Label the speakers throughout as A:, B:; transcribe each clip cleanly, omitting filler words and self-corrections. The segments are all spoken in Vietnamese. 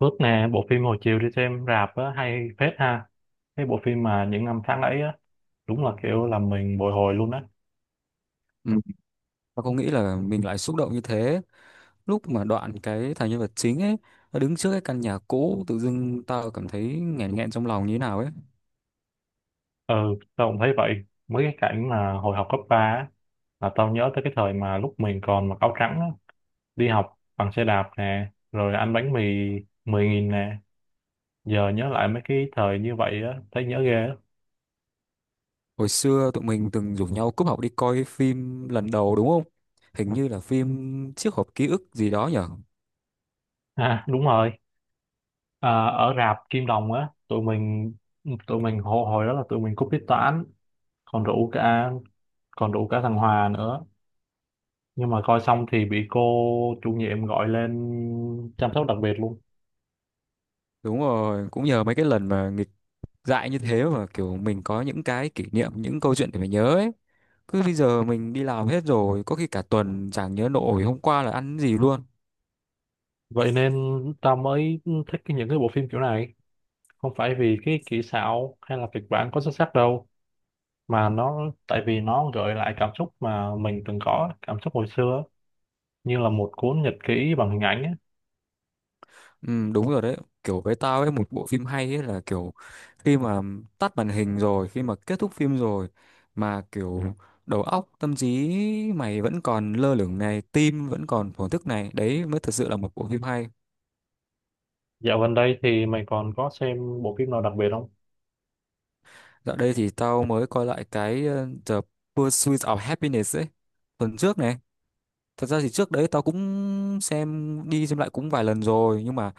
A: Phước nè, bộ phim hồi chiều đi xem rạp á, hay phết ha. Cái bộ phim mà những năm tháng ấy á, đúng là kiểu làm mình bồi hồi luôn á.
B: Ừ. Và không nghĩ là mình lại xúc động như thế lúc mà đoạn cái thằng nhân vật chính ấy nó đứng trước cái căn nhà cũ tự dưng tao cảm thấy nghẹn nghẹn trong lòng như thế nào ấy.
A: Ừ, tao cũng thấy vậy. Mấy cái cảnh mà hồi học cấp 3 á, là tao nhớ tới cái thời mà lúc mình còn mặc áo trắng á, đi học bằng xe đạp nè, rồi ăn bánh mì 10.000 nè. Giờ nhớ lại mấy cái thời như vậy á, thấy nhớ ghê á.
B: Hồi xưa tụi mình từng rủ nhau cúp học đi coi phim lần đầu đúng không? Hình như là phim chiếc hộp ký ức gì đó nhở.
A: À, đúng rồi. À, ở rạp Kim Đồng á, tụi mình hồi hồi đó là tụi mình cúp tiết toán, còn rủ cả còn rủ cả thằng Hòa nữa, nhưng mà coi xong thì bị cô chủ nhiệm gọi lên chăm sóc đặc biệt luôn.
B: Đúng rồi, cũng nhờ mấy cái lần mà nghịch dại như thế mà kiểu mình có những cái kỷ niệm, những câu chuyện để mình nhớ ấy. Cứ bây giờ mình đi làm hết rồi có khi cả tuần chẳng nhớ nổi hôm qua là ăn gì luôn.
A: Vậy nên tao mới thích những cái bộ phim kiểu này, không phải vì cái kỹ xảo hay là kịch bản có xuất sắc đâu, mà nó tại vì nó gợi lại cảm xúc mà mình từng có cảm xúc hồi xưa, như là một cuốn nhật ký bằng hình ảnh á.
B: Ừ, đúng rồi đấy, kiểu với tao ấy một bộ phim hay ấy là kiểu khi mà tắt màn hình rồi, khi mà kết thúc phim rồi mà kiểu đầu óc tâm trí mày vẫn còn lơ lửng này, tim vẫn còn thổn thức này, đấy mới thật sự là một bộ phim hay.
A: Dạo gần đây thì mày còn có xem bộ phim nào đặc biệt không?
B: Dạo đây thì tao mới coi lại cái The Pursuit of Happiness ấy, tuần trước này. Thật ra thì trước đấy tao cũng xem đi xem lại cũng vài lần rồi nhưng mà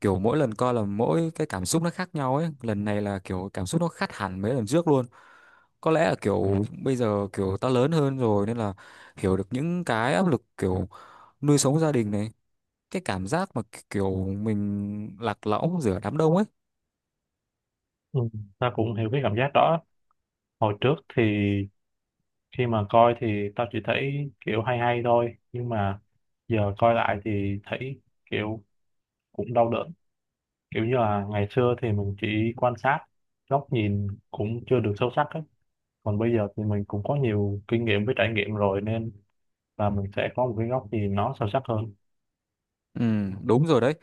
B: kiểu mỗi lần coi là mỗi cái cảm xúc nó khác nhau ấy, lần này là kiểu cảm xúc nó khác hẳn mấy lần trước luôn. Có lẽ là kiểu bây giờ kiểu tao lớn hơn rồi nên là hiểu được những cái áp lực kiểu nuôi sống gia đình này, cái cảm giác mà kiểu mình lạc lõng giữa đám đông ấy.
A: Ừ, ta cũng hiểu cái cảm giác đó. Hồi trước thì khi mà coi thì tao chỉ thấy kiểu hay hay thôi, nhưng mà giờ coi lại thì thấy kiểu cũng đau đớn. Kiểu như là ngày xưa thì mình chỉ quan sát, góc nhìn cũng chưa được sâu sắc ấy, còn bây giờ thì mình cũng có nhiều kinh nghiệm với trải nghiệm rồi, nên là mình sẽ có một cái góc nhìn nó sâu sắc hơn.
B: Ừ, đúng rồi đấy,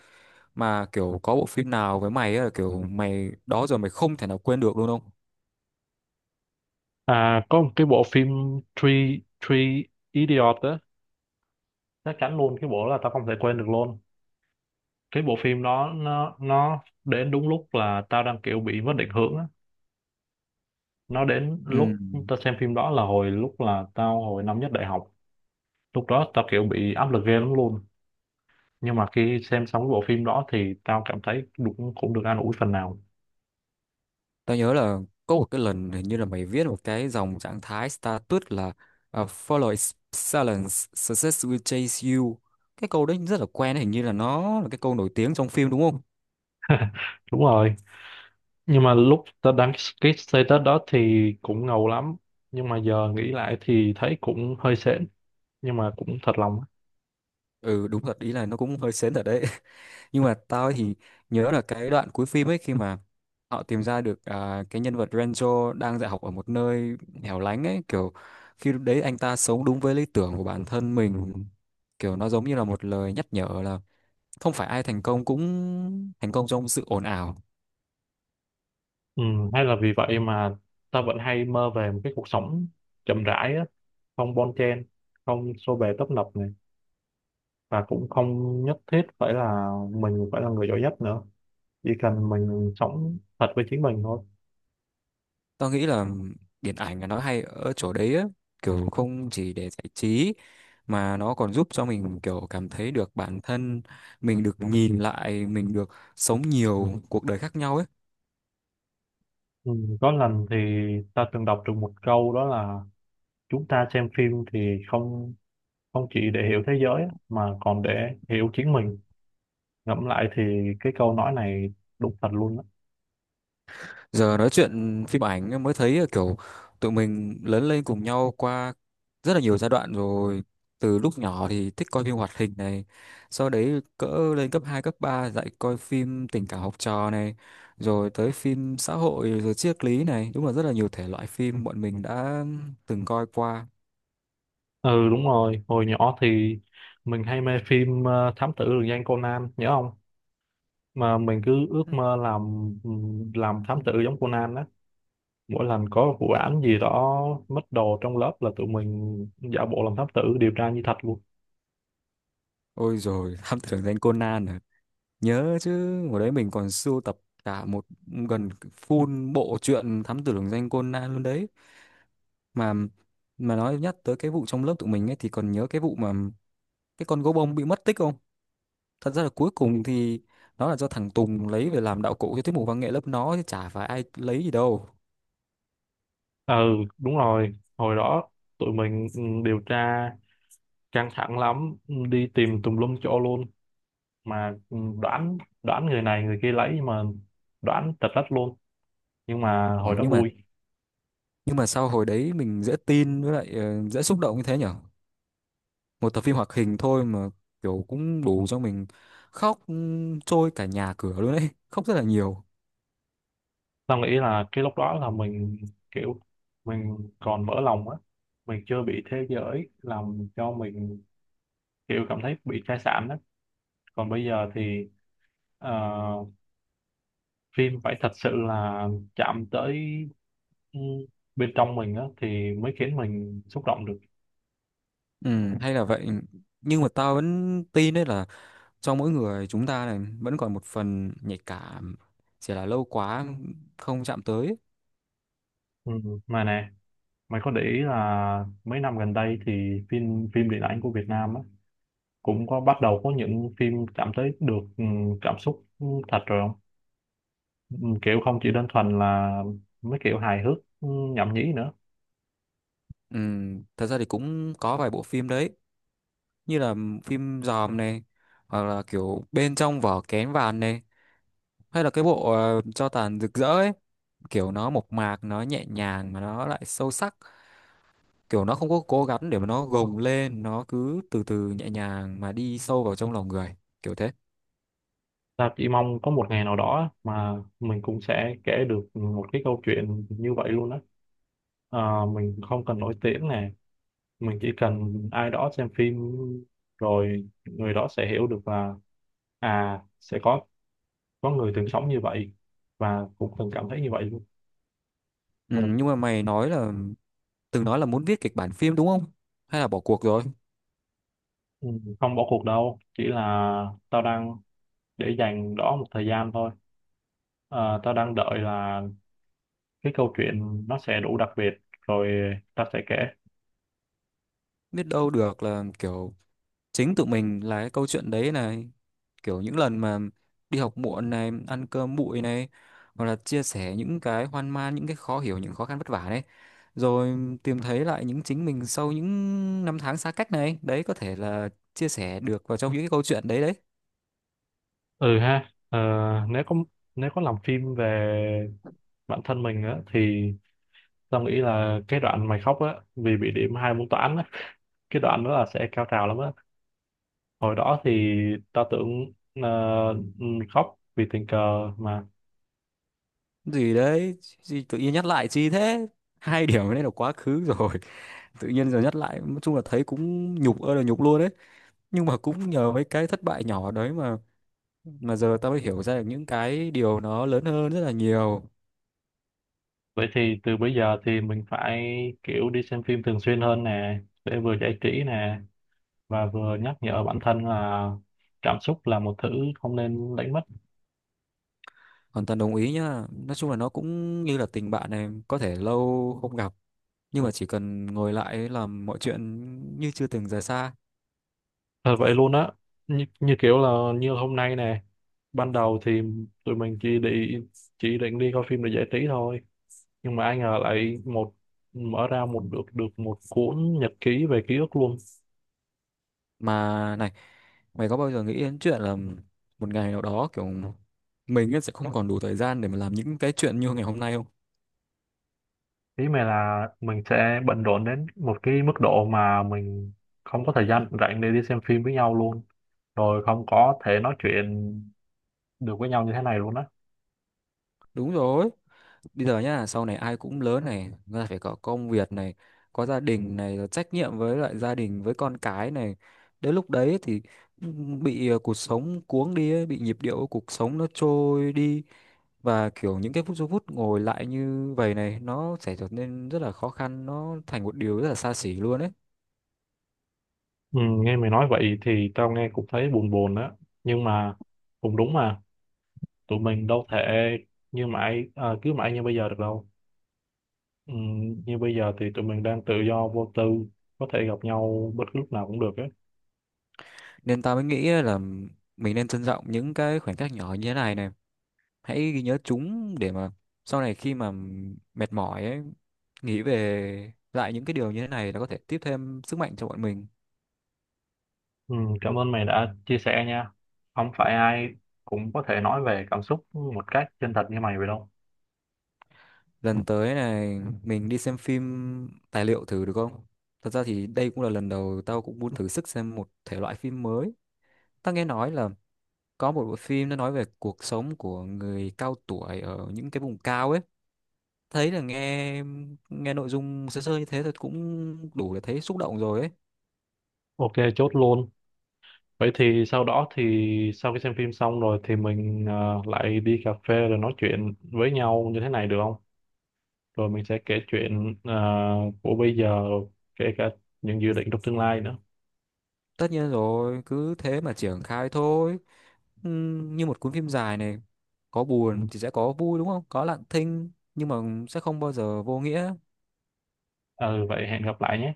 B: mà kiểu có bộ phim nào với mày ấy là kiểu mày đó giờ mày không thể nào quên được luôn không?
A: À, có một cái bộ phim Three Idiot á, chắc chắn luôn cái bộ đó là tao không thể quên được luôn. Cái bộ phim đó nó đến đúng lúc là tao đang kiểu bị mất định hướng á, nó đến
B: Ừ.
A: lúc tao xem phim đó là hồi lúc là tao hồi năm nhất đại học. Lúc đó tao kiểu bị áp lực ghê lắm luôn, nhưng mà khi xem xong cái bộ phim đó thì tao cảm thấy cũng cũng được an ủi phần nào.
B: Tao nhớ là có một cái lần hình như là mày viết một cái dòng trạng thái status là à, Follow is silence, success will chase you. Cái câu đấy rất là quen, hình như là nó là cái câu nổi tiếng trong phim đúng không?
A: Đúng rồi, nhưng mà lúc tao đăng cái status đó thì cũng ngầu lắm, nhưng mà giờ nghĩ lại thì thấy cũng hơi sến, nhưng mà cũng thật lòng á.
B: Ừ đúng thật, ý là nó cũng hơi sến thật đấy. Nhưng mà tao thì nhớ là cái đoạn cuối phim ấy khi mà họ tìm ra được cái nhân vật Renzo đang dạy học ở một nơi hẻo lánh ấy, kiểu khi lúc đấy anh ta sống đúng với lý tưởng của bản thân mình. Kiểu nó giống như là một lời nhắc nhở là không phải ai thành công cũng thành công trong sự ồn ào.
A: Ừ, hay là vì vậy mà tao vẫn hay mơ về một cái cuộc sống chậm rãi á, không bon chen, không xô bồ tấp nập này, và cũng không nhất thiết phải là mình phải là người giỏi nhất nữa, chỉ cần mình sống thật với chính mình thôi.
B: Tao nghĩ là điện ảnh là nó hay ở chỗ đấy á, kiểu không chỉ để giải trí mà nó còn giúp cho mình kiểu cảm thấy được bản thân mình, được nhìn lại mình, được sống nhiều cuộc đời khác nhau ấy.
A: Ừ, có lần thì ta từng đọc được một câu đó là chúng ta xem phim thì không không chỉ để hiểu thế giới á, mà còn để hiểu chính mình. Ngẫm lại thì cái câu nói này đúng thật luôn á.
B: Giờ nói chuyện phim ảnh em mới thấy là kiểu tụi mình lớn lên cùng nhau qua rất là nhiều giai đoạn rồi. Từ lúc nhỏ thì thích coi phim hoạt hình này, sau đấy cỡ lên cấp 2 cấp 3 dạy coi phim tình cảm học trò này, rồi tới phim xã hội, rồi triết lý này. Đúng là rất là nhiều thể loại phim bọn mình đã từng coi qua.
A: Ừ, đúng rồi, hồi nhỏ thì mình hay mê phim Thám Tử Lừng Danh Conan, nhớ không? Mà mình cứ ước mơ làm thám tử giống Conan đó. Mỗi lần có vụ án gì đó mất đồ trong lớp là tụi mình giả bộ làm thám tử điều tra như thật luôn.
B: Ôi rồi Thám Tử Danh Conan à. Nhớ chứ, hồi đấy mình còn sưu tập cả một gần full bộ truyện Thám Tử Lừng Danh Conan luôn đấy. mà mà nói nhắc tới cái vụ trong lớp tụi mình ấy thì còn nhớ cái vụ mà cái con gấu bông bị mất tích không? Thật ra là cuối cùng thì nó là do thằng Tùng lấy về làm đạo cụ cho tiết mục văn nghệ lớp nó chứ chả phải ai lấy gì đâu.
A: Ừ, đúng rồi, hồi đó tụi mình ừ, điều tra căng thẳng lắm, ừ, đi tìm tùm lum chỗ luôn mà, ừ, đoán đoán người này người kia lấy, nhưng mà đoán tật đất luôn, nhưng mà
B: Ủa,
A: hồi đó
B: nhưng mà
A: vui.
B: nhưng mà sao hồi đấy mình dễ tin với lại dễ xúc động như thế nhở? Một tập phim hoạt hình thôi mà kiểu cũng đủ cho mình khóc trôi cả nhà cửa luôn đấy. Khóc rất là nhiều.
A: Tao nghĩ là cái lúc đó là mình kiểu mình còn mở lòng á, mình chưa bị thế giới làm cho mình kiểu cảm thấy bị sai sản á. Còn bây giờ thì ờ, phim phải thật sự là chạm tới ừ, bên trong mình á thì mới khiến mình xúc động được.
B: Ừ, hay là vậy, nhưng mà tao vẫn tin đấy là trong mỗi người chúng ta này vẫn còn một phần nhạy cảm, chỉ là lâu quá không chạm tới.
A: Ừ. Mà nè, mày có để ý là mấy năm gần đây thì phim phim điện ảnh của Việt Nam á cũng có bắt đầu có những phim chạm tới được ừ, cảm xúc ừ, thật rồi không? Ừ, kiểu không chỉ đơn thuần là mấy kiểu hài hước ừ, nhảm nhí nữa.
B: Thật ra thì cũng có vài bộ phim đấy, như là phim Dòm này, hoặc là kiểu bên trong vỏ kén vàng này, hay là cái bộ cho tàn rực rỡ ấy, kiểu nó mộc mạc, nó nhẹ nhàng mà nó lại sâu sắc, kiểu nó không có cố gắng để mà nó gồng lên, nó cứ từ từ nhẹ nhàng mà đi sâu vào trong lòng người, kiểu thế.
A: Ta chỉ mong có một ngày nào đó á, mà mình cũng sẽ kể được một cái câu chuyện như vậy luôn á. Ờ, mình không cần nổi tiếng nè, mình chỉ cần ai đó xem phim rồi người đó sẽ hiểu được là à sẽ có người từng sống như vậy và cũng từng cảm thấy như vậy luôn.
B: Nhưng mà mày nói là từng nói là muốn viết kịch bản phim đúng không, hay là bỏ cuộc rồi?
A: Ừ, không bỏ cuộc đâu, chỉ là tao đang để dành đó một thời gian thôi. Ờ, tao đang đợi là cái câu chuyện nó sẽ đủ đặc biệt rồi tao sẽ kể.
B: Biết đâu được là kiểu chính tụi mình là cái câu chuyện đấy này, kiểu những lần mà đi học muộn này, ăn cơm bụi này, hoặc là chia sẻ những cái hoang mang, những cái khó hiểu, những khó khăn vất vả đấy, rồi tìm thấy lại những chính mình sau những năm tháng xa cách này, đấy có thể là chia sẻ được vào trong những cái câu chuyện đấy đấy.
A: Ừ ha, ờ, nếu có nếu có làm phim về bản thân mình á, thì tao nghĩ là cái đoạn mày khóc á vì bị điểm hai môn toán á, cái đoạn đó là sẽ cao trào lắm á. Hồi đó thì tao tưởng ờ, khóc vì tình cờ mà.
B: Gì đấy? Gì tự nhiên nhắc lại chi thế? 2 điểm này là quá khứ rồi. Tự nhiên giờ nhắc lại nói chung là thấy cũng nhục ơi là nhục luôn đấy. Nhưng mà cũng nhờ mấy cái thất bại nhỏ đấy mà giờ tao mới hiểu ra được những cái điều nó lớn hơn rất là nhiều.
A: Vậy thì từ bây giờ thì mình phải kiểu đi xem phim thường xuyên hơn nè, để vừa giải trí nè, và vừa nhắc nhở bản thân là cảm xúc là một thứ không nên đánh mất.
B: Hoàn toàn đồng ý nhá, nói chung là nó cũng như là tình bạn này, có thể lâu không gặp nhưng mà chỉ cần ngồi lại ấy, làm mọi chuyện như chưa từng rời xa.
A: Thật vậy luôn á, như kiểu là như hôm nay nè. Ban đầu thì tụi mình chỉ định đi coi phim để giải trí thôi, nhưng mà ai ngờ lại một mở ra một được được một cuốn nhật ký về ký ức luôn.
B: Mà này, mày có bao giờ nghĩ đến chuyện là một ngày nào đó kiểu mình ấy sẽ không còn đủ thời gian để mà làm những cái chuyện như ngày hôm nay không?
A: Ý mày là mình sẽ bận rộn đến một cái mức độ mà mình không có thời gian rảnh để đi xem phim với nhau luôn, rồi không có thể nói chuyện được với nhau như thế này luôn á?
B: Đúng rồi, bây giờ nhá, sau này ai cũng lớn này, người ta phải có công việc này, có gia đình này, rồi trách nhiệm với lại gia đình, với con cái này, đến lúc đấy thì ừ, bị cuộc sống cuống đi ấy, bị nhịp điệu của cuộc sống nó trôi đi, và kiểu những cái phút ngồi lại như vậy này nó sẽ trở nên rất là khó khăn, nó thành một điều rất là xa xỉ luôn ấy.
A: Ừ, nghe mày nói vậy thì tao nghe cũng thấy buồn buồn á, nhưng mà cũng đúng mà, tụi mình đâu thể cứ mãi như bây giờ được đâu. Ừ, như bây giờ thì tụi mình đang tự do vô tư, có thể gặp nhau bất cứ lúc nào cũng được á.
B: Nên ta mới nghĩ là mình nên trân trọng những cái khoảnh khắc nhỏ như thế này này, hãy ghi nhớ chúng để mà sau này khi mà mệt mỏi ấy, nghĩ về lại những cái điều như thế này nó có thể tiếp thêm sức mạnh cho bọn mình.
A: Ừ, cảm ơn mày đã chia sẻ nha. Không phải ai cũng có thể nói về cảm xúc một cách chân thật như mày vậy đâu.
B: Lần tới này mình đi xem phim tài liệu thử được không? Thật ra thì đây cũng là lần đầu tao cũng muốn thử sức xem một thể loại phim mới. Tao nghe nói là có một bộ phim nó nói về cuộc sống của người cao tuổi ở những cái vùng cao ấy, thấy là nghe nghe nội dung sơ sơ như thế thôi cũng đủ để thấy xúc động rồi ấy.
A: OK, chốt luôn. Vậy thì sau đó thì sau khi xem phim xong rồi thì mình ờ, lại đi cà phê rồi nói chuyện với nhau như thế này được không? Rồi mình sẽ kể chuyện ờ, của bây giờ, kể cả những dự định trong tương lai nữa.
B: Tất nhiên rồi, cứ thế mà triển khai thôi. Như một cuốn phim dài này, có buồn thì sẽ có vui đúng không? Có lặng thinh nhưng mà sẽ không bao giờ vô nghĩa.
A: Ừ, vậy hẹn gặp lại nhé.